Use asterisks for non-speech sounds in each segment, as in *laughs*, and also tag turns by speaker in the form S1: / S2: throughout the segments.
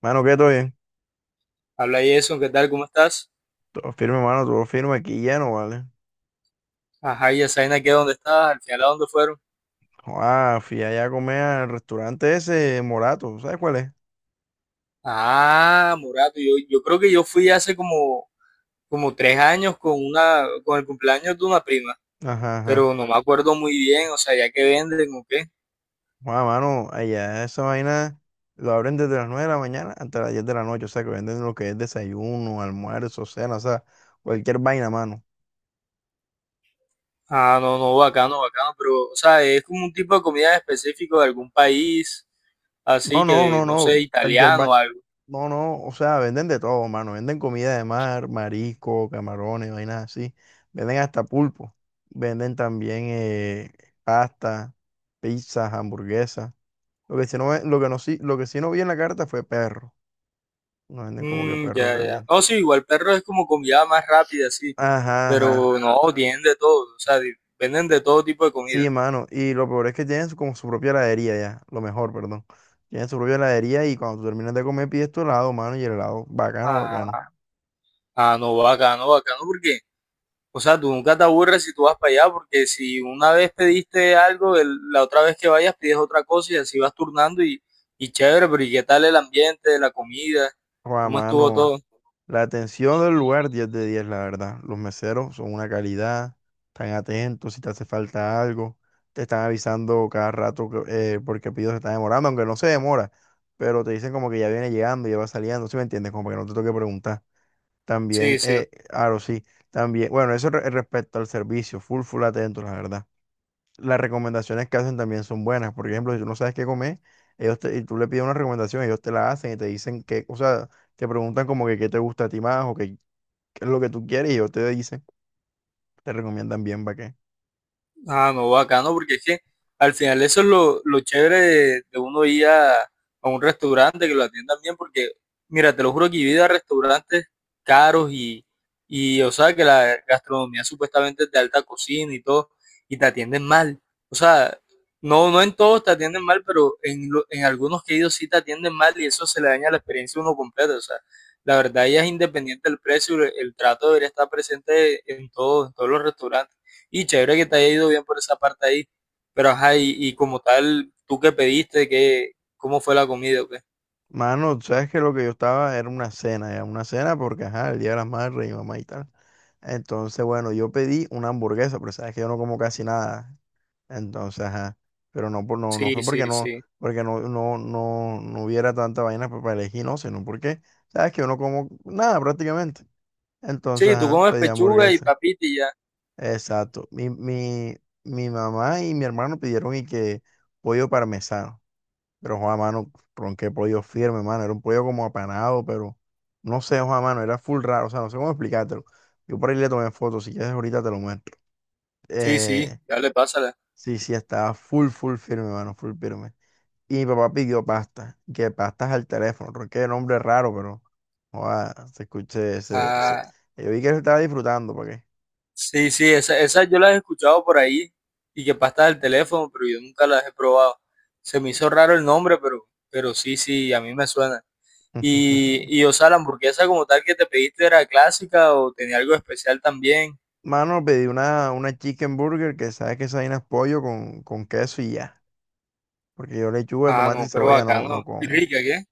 S1: Mano, ¿qué? ¿Todo bien?
S2: Habla Jason, ¿qué tal? ¿Cómo estás?
S1: Todo firme, mano, todo firme aquí lleno, ¿vale?
S2: Ajá, y Asaina, ¿qué? ¿Dónde estás? ¿Al final a dónde fueron?
S1: Ah, fui allá a comer al restaurante ese, Morato, ¿sabes cuál es?
S2: Ah, Morato, yo creo que yo fui hace como, como tres años con el cumpleaños de una prima,
S1: Ajá, ajá.
S2: pero no me acuerdo muy bien, o sea, ya que venden o qué.
S1: Joa, mano, allá esa vaina lo abren desde las 9 de la mañana hasta las 10 de la noche, o sea, que venden lo que es desayuno, almuerzo, cena, o sea, cualquier vaina, mano.
S2: Ah, no, no, bacano, bacano, pero, o sea, es como un tipo de comida específico de algún país,
S1: No,
S2: así
S1: no,
S2: que,
S1: no,
S2: no
S1: no,
S2: sé,
S1: cualquier
S2: italiano
S1: vaina,
S2: o algo.
S1: no, no, o sea, venden de todo, mano, venden comida de mar, marisco, camarones, vainas así, venden hasta pulpo, venden también pasta, pizzas, hamburguesas. Lo que sí no, lo que no, lo que sí no vi en la carta fue perro. Nos venden como que
S2: Mm, ya,
S1: perro
S2: ya.
S1: caliente.
S2: No, sí, igual perro es como comida más rápida, sí,
S1: Ajá, ajá.
S2: pero no, tienen de todo, o sea, venden de todo tipo de comida.
S1: Sí, mano. Y lo peor es que tienen como su propia heladería ya. Lo mejor, perdón. Tienen su propia heladería y cuando tú terminas de comer pides tu helado, mano. Y el helado, bacano, bacano.
S2: Ah. No, bacano, bacano, porque, o sea, tú nunca te aburres si tú vas para allá, porque si una vez pediste algo, la otra vez que vayas pides otra cosa y así vas turnando y chévere, pero ¿y qué tal el ambiente, la comida?
S1: Juan,
S2: ¿Cómo estuvo
S1: mano.
S2: todo?
S1: La atención del lugar, 10 de 10 la verdad. Los meseros son una calidad, están atentos si te hace falta algo, te están avisando cada rato porque el pedido se está demorando, aunque no se demora, pero te dicen como que ya viene llegando, ya va saliendo, ¿sí me entiendes? Como para que no te toque preguntar. También,
S2: Sí, sí.
S1: claro, sí, también, bueno, eso respecto al servicio, full, full atentos, la verdad. Las recomendaciones que hacen también son buenas, por ejemplo, si tú no sabes qué comer, y tú le pides una recomendación, ellos te la hacen y te dicen que, o sea, te preguntan como que qué te gusta a ti más o qué es lo que tú quieres y yo te dice te recomiendan bien para qué.
S2: Ah, no, bacano, porque es que al final eso es lo chévere. De de uno ir a un restaurante que lo atiendan bien, porque mira, te lo juro que he ido a restaurantes caros y, o sea, que la gastronomía supuestamente es de alta cocina y todo, y te atienden mal. O sea, no, no en todos te atienden mal, pero en algunos que he ido sí te atienden mal y eso se le daña la experiencia a uno completa. O sea, la verdad ya es independiente del precio, el trato debería estar presente en todos los restaurantes. Y chévere que te haya ido bien por esa parte ahí. Pero ajá, y como tal, ¿tú qué pediste? ¿Qué, cómo fue la comida o qué?
S1: Mano, tú sabes que lo que yo estaba era una cena, ya una cena porque, ajá, el Día de las Madres y mamá y tal. Entonces, bueno, yo pedí una hamburguesa, pero sabes que yo no como casi nada. Entonces, ajá, pero no, no, no
S2: Sí,
S1: fue
S2: sí, sí.
S1: porque no, no hubiera tanta vaina para elegir, no, sino porque, sabes que yo no como nada prácticamente. Entonces,
S2: Sí, tú
S1: ajá,
S2: comes
S1: pedí
S2: pechuga y
S1: hamburguesa.
S2: papita y ya.
S1: Exacto. Mi mamá y mi hermano pidieron y que pollo parmesano. Pero, Juan, mano, ron, qué pollo firme, mano. Era un pollo como apanado, pero no sé, Juan, mano, era full raro. O sea, no sé cómo explicártelo. Yo por ahí le tomé fotos. Si quieres, ahorita te lo muestro.
S2: Sí, sí,
S1: Eh,
S2: ya le pásala.
S1: sí, sí, estaba full, full firme, mano, full firme. Y mi papá pidió pasta, que pastas al teléfono. Ronqué nombre raro, pero, Juan, se escuché.
S2: Ah,
S1: Yo vi que él estaba disfrutando, ¿para qué?
S2: sí, sí, esas yo las he escuchado por ahí y que pasta del teléfono, pero yo nunca las he probado. Se me hizo raro el nombre, pero sí, sí, a mí me suena.
S1: *laughs*
S2: Y o sea, la hamburguesa como tal que te pediste era clásica o tenía algo especial también.
S1: Mano, pedí una chicken burger que sabes que esa vaina es pollo con queso y ya. Porque yo lechuga,
S2: Ah,
S1: tomate
S2: no,
S1: y
S2: pero
S1: cebolla no,
S2: bacano.
S1: no
S2: Y
S1: como.
S2: rica, ¿qué? *laughs*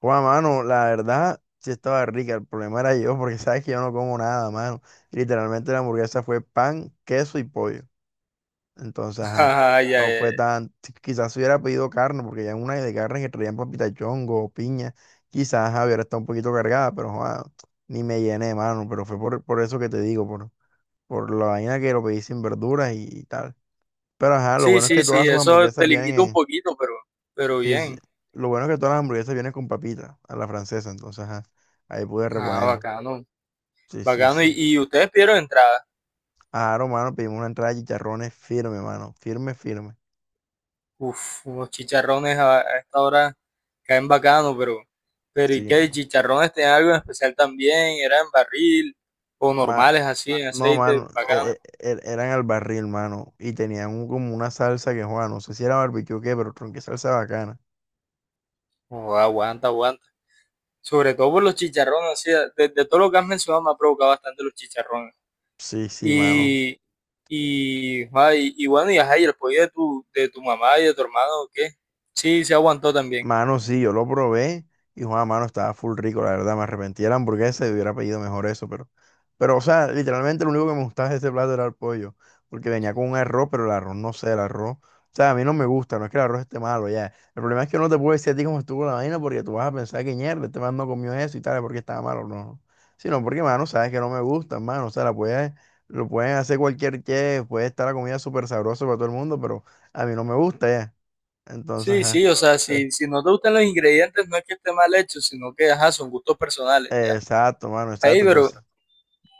S1: Juan, mano, la verdad sí estaba rica. El problema era yo, porque sabes que yo no como nada, mano. Literalmente la hamburguesa fue pan, queso y pollo. Entonces, ajá,
S2: Ah, ya,
S1: no
S2: ya.
S1: fue tan. Quizás si hubiera pedido carne, porque ya en una de carne que traían papita chongo o piña, quizás ajá, hubiera estado un poquito cargada, pero Juan, ni me llené, mano. Pero fue por eso que te digo, por la vaina que lo pedí sin verduras y tal. Pero ajá, lo
S2: Sí,
S1: bueno es que
S2: sí,
S1: todas
S2: sí,
S1: sus
S2: eso
S1: hamburguesas
S2: te limita un
S1: vienen.
S2: poquito, pero
S1: Sí, sí.
S2: bien.
S1: Lo bueno es que todas las hamburguesas vienen con papita, a la francesa, entonces ajá, ahí pude
S2: Ah,
S1: reponerme.
S2: bacano,
S1: Sí, sí,
S2: bacano.
S1: sí.
S2: Y ustedes pidieron entrada.
S1: Ah, hermano, pedimos una entrada de chicharrones firme, mano. Firme, firme.
S2: Uf, unos chicharrones a esta hora caen bacano, pero ¿y
S1: Sí,
S2: qué?
S1: mano.
S2: ¿Chicharrones tenían algo en especial también? ¿Eran barril o
S1: Ma-
S2: normales así, en
S1: no,
S2: aceite?
S1: mano,
S2: Bacano.
S1: eran al barril, mano. Y tenían como una salsa que, Juan, no sé si era barbecue o qué, pero tronqué salsa bacana.
S2: Oh, aguanta, aguanta. Sobre todo por los chicharrones, así, de todo lo que has mencionado me ha provocado bastante los chicharrones.
S1: Sí, sí, mano.
S2: Y, y, ah, y bueno, y ajá, y el apoyo de tu mamá y de tu hermano, ¿qué? Sí, se aguantó también.
S1: Mano, sí, yo lo probé y Juan, mano, estaba full rico, la verdad, me arrepentí de la hamburguesa y hubiera pedido mejor eso, pero, o sea, literalmente lo único que me gustaba de ese plato era el pollo, porque venía con un arroz, pero el arroz, no sé, el arroz, o sea, a mí no me gusta, no es que el arroz esté malo, ya, el problema es que yo no te puedo decir a ti cómo estuvo la vaina, porque tú vas a pensar que mierda, este man no comió eso y tal, porque estaba malo, no, sino porque, mano, sabes que no me gusta, mano, o sea, la puedes, lo pueden hacer cualquier que, puede estar la comida súper sabrosa para todo el mundo, pero a mí no me gusta, ya, entonces,
S2: Sí,
S1: ajá.
S2: sí, o sea, si, si no te gustan los ingredientes, no es que esté mal hecho, sino que, ajá, son gustos personales, ya.
S1: Exacto, mano,
S2: Ahí,
S1: exacto. Entonces,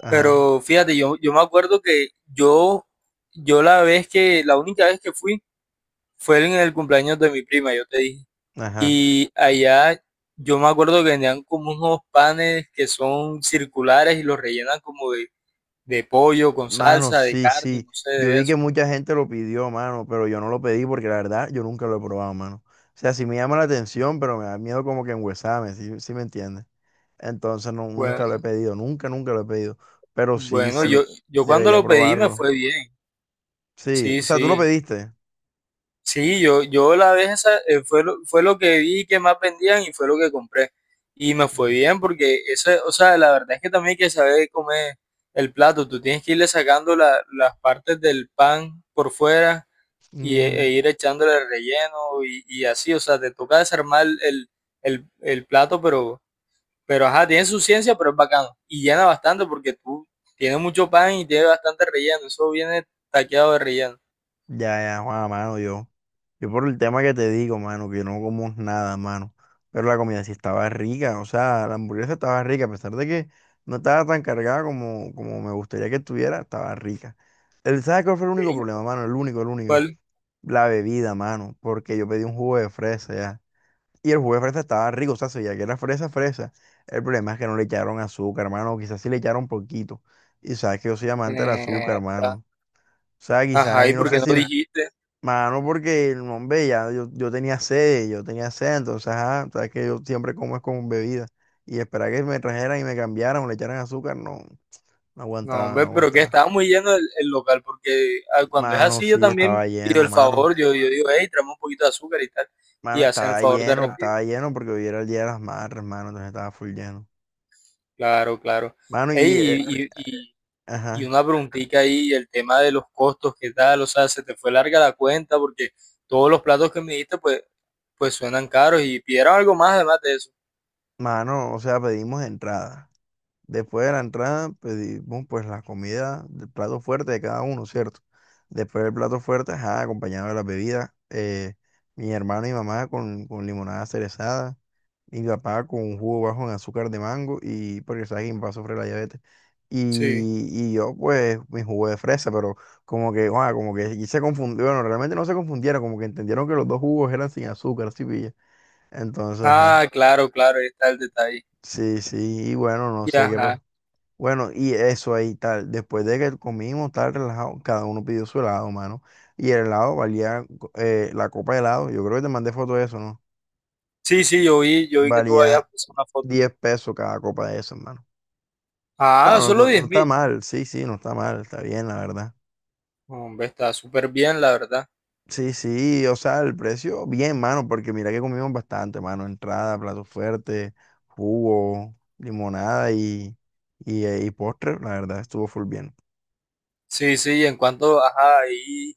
S1: ajá,
S2: pero fíjate, yo me acuerdo que yo, la única vez que fui, fue en el cumpleaños de mi prima, yo te dije.
S1: ajá.
S2: Y allá yo me acuerdo que tenían como unos panes que son circulares y los rellenan como de pollo con
S1: Mano,
S2: salsa, de
S1: sí,
S2: carne,
S1: sí.
S2: no sé
S1: Yo
S2: de
S1: vi
S2: eso.
S1: que mucha gente lo pidió, mano, pero yo no lo pedí porque la verdad yo nunca lo he probado, mano. O sea, sí me llama la atención, pero me da miedo como que enguesarme, ¿sí, sí me entiendes? Entonces no, nunca lo
S2: Bueno,
S1: he pedido, nunca lo he pedido. Pero sí,
S2: bueno,
S1: sí,
S2: yo cuando
S1: debería
S2: lo pedí me
S1: probarlo.
S2: fue bien.
S1: Sí,
S2: Sí,
S1: o sea, tú lo
S2: sí.
S1: pediste.
S2: Sí, yo la vez esa fue lo que vi que más vendían y fue lo que compré. Y me fue
S1: Mm.
S2: bien porque eso, o sea, la verdad es que también hay que saber comer el plato. Tú tienes que irle sacando las partes del pan por fuera y, e
S1: Mm,
S2: ir echándole el relleno y así. O sea, te toca desarmar el plato, pero ajá, tiene su ciencia, pero es bacano. Y llena bastante porque tú tiene mucho pan y tiene bastante relleno. Eso viene taqueado de relleno.
S1: ya, ya, Juan, mano, yo. Yo por el tema que te digo, mano, que no como nada, mano. Pero la comida sí estaba rica, o sea, la hamburguesa estaba rica, a pesar de que no estaba tan cargada como, como me gustaría que estuviera, estaba rica. El, ¿sabes cuál fue el único problema, mano? El único, el único.
S2: ¿Cuál?
S1: La bebida, mano, porque yo pedí un jugo de fresa ya. Y el jugo de fresa estaba rico, o sea, se veía que era fresa, fresa. El problema es que no le echaron azúcar, mano, o quizás sí le echaron poquito. Y sabes que yo soy amante del azúcar,
S2: Mierda.
S1: mano. O sea, quizás
S2: Ajá,
S1: ahí
S2: ¿y
S1: no
S2: por qué
S1: sé
S2: no
S1: si,
S2: dijiste?
S1: mano, porque el hombre ya, yo tenía sed, entonces, ajá, sabes que yo siempre como es con bebida. Y esperar que me trajeran y me cambiaran o le echaran azúcar, no, no
S2: No,
S1: aguantaba, no
S2: hombre, pero que
S1: aguantaba.
S2: estaba muy lleno el local, porque ah, cuando es
S1: Mano,
S2: así yo
S1: sí,
S2: también
S1: estaba
S2: pido
S1: lleno,
S2: el
S1: mano.
S2: favor, yo digo, hey, tráeme un poquito de azúcar y tal,
S1: Mano,
S2: y hacen el favor de rápido.
S1: estaba lleno porque hoy era el Día de las Madres, mano, entonces estaba full lleno.
S2: Claro, claro.
S1: Mano, y,
S2: Ey, y
S1: ajá,
S2: una preguntita ahí, el tema de los costos, ¿qué tal? O sea, se te fue larga la cuenta, porque todos los platos que me diste, pues suenan caros y pidieron algo más además de eso.
S1: mano, o sea, pedimos entrada. Después de la entrada pedimos pues la comida del plato fuerte de cada uno, ¿cierto? Después del plato fuerte, ajá, acompañado de las bebidas, mi hermano y mamá con limonada cerezada, mi papá con un jugo bajo en azúcar de mango y porque sabes que mi papá sufre la diabetes.
S2: Sí.
S1: Y yo pues mi jugo de fresa, pero como que, guau, como que y se confundió, bueno, realmente no se confundieron, como que entendieron que los dos jugos eran sin azúcar, sí, pilla. Entonces, ajá,
S2: Ah, claro, claro, ahí está el detalle.
S1: sí, sí, y bueno, no
S2: Y
S1: sé qué
S2: ajá.
S1: pasó. Bueno, y eso ahí tal, después de que comimos tal relajado, cada uno pidió su helado, mano. Y el helado valía, la copa de helado, yo creo que te mandé foto de eso, ¿no?
S2: Sí, sí, yo vi que tú habías
S1: Valía
S2: puesto una foto.
S1: 10 pesos cada copa de eso, hermano.
S2: Ah,
S1: Claro,
S2: solo
S1: no, no
S2: diez
S1: está
S2: mil.
S1: mal, sí, sí, no está mal, está bien, la verdad.
S2: Hombre, está súper bien, la verdad.
S1: Sí, sí, o sea, el precio, bien, mano, porque mira que comimos bastante, mano. Entrada, plato fuerte, jugo, limonada y postre, la verdad, estuvo full bien.
S2: Sí, sí, y en cuanto, ajá, ahí,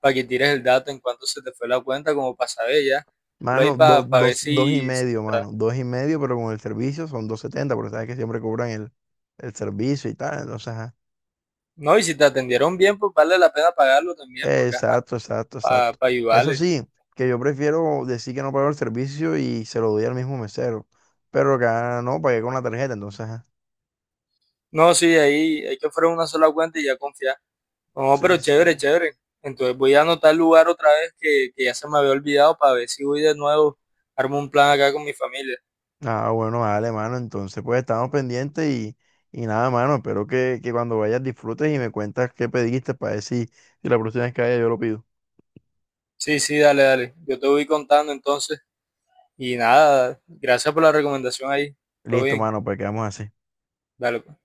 S2: para que tires el dato, en cuanto se te fue la cuenta, como para saber ya. Lo ahí
S1: Mano,
S2: para ver
S1: dos, dos y
S2: si, si
S1: medio,
S2: está-
S1: mano. Dos y medio, pero con el servicio son 270, porque sabes que siempre cobran el servicio y tal. Entonces, ajá.
S2: No, y si te atendieron bien, pues vale la pena pagarlo también, porque ajá,
S1: Exacto, exacto,
S2: para
S1: exacto. Eso
S2: ayudarles.
S1: sí, que yo prefiero decir que no pago el servicio y se lo doy al mismo mesero. Pero acá no, pagué con la tarjeta, entonces, ajá.
S2: No, sí, ahí hay que ofrecer una sola cuenta y ya confiar. No, pero
S1: Sí, sí.
S2: chévere, chévere. Entonces voy a anotar el lugar otra vez que ya se me había olvidado para ver si voy de nuevo, armo un plan acá con mi familia.
S1: Ah, bueno, vale, mano. Entonces, pues estamos pendientes y nada, mano. Espero que cuando vayas disfrutes y me cuentas qué pediste para decir si si la próxima vez que vaya yo lo pido.
S2: Sí, sí, dale, dale. Yo te voy contando entonces. Y nada, gracias por la recomendación ahí. Todo
S1: Listo,
S2: bien.
S1: mano, pues quedamos así.
S2: Dale pues.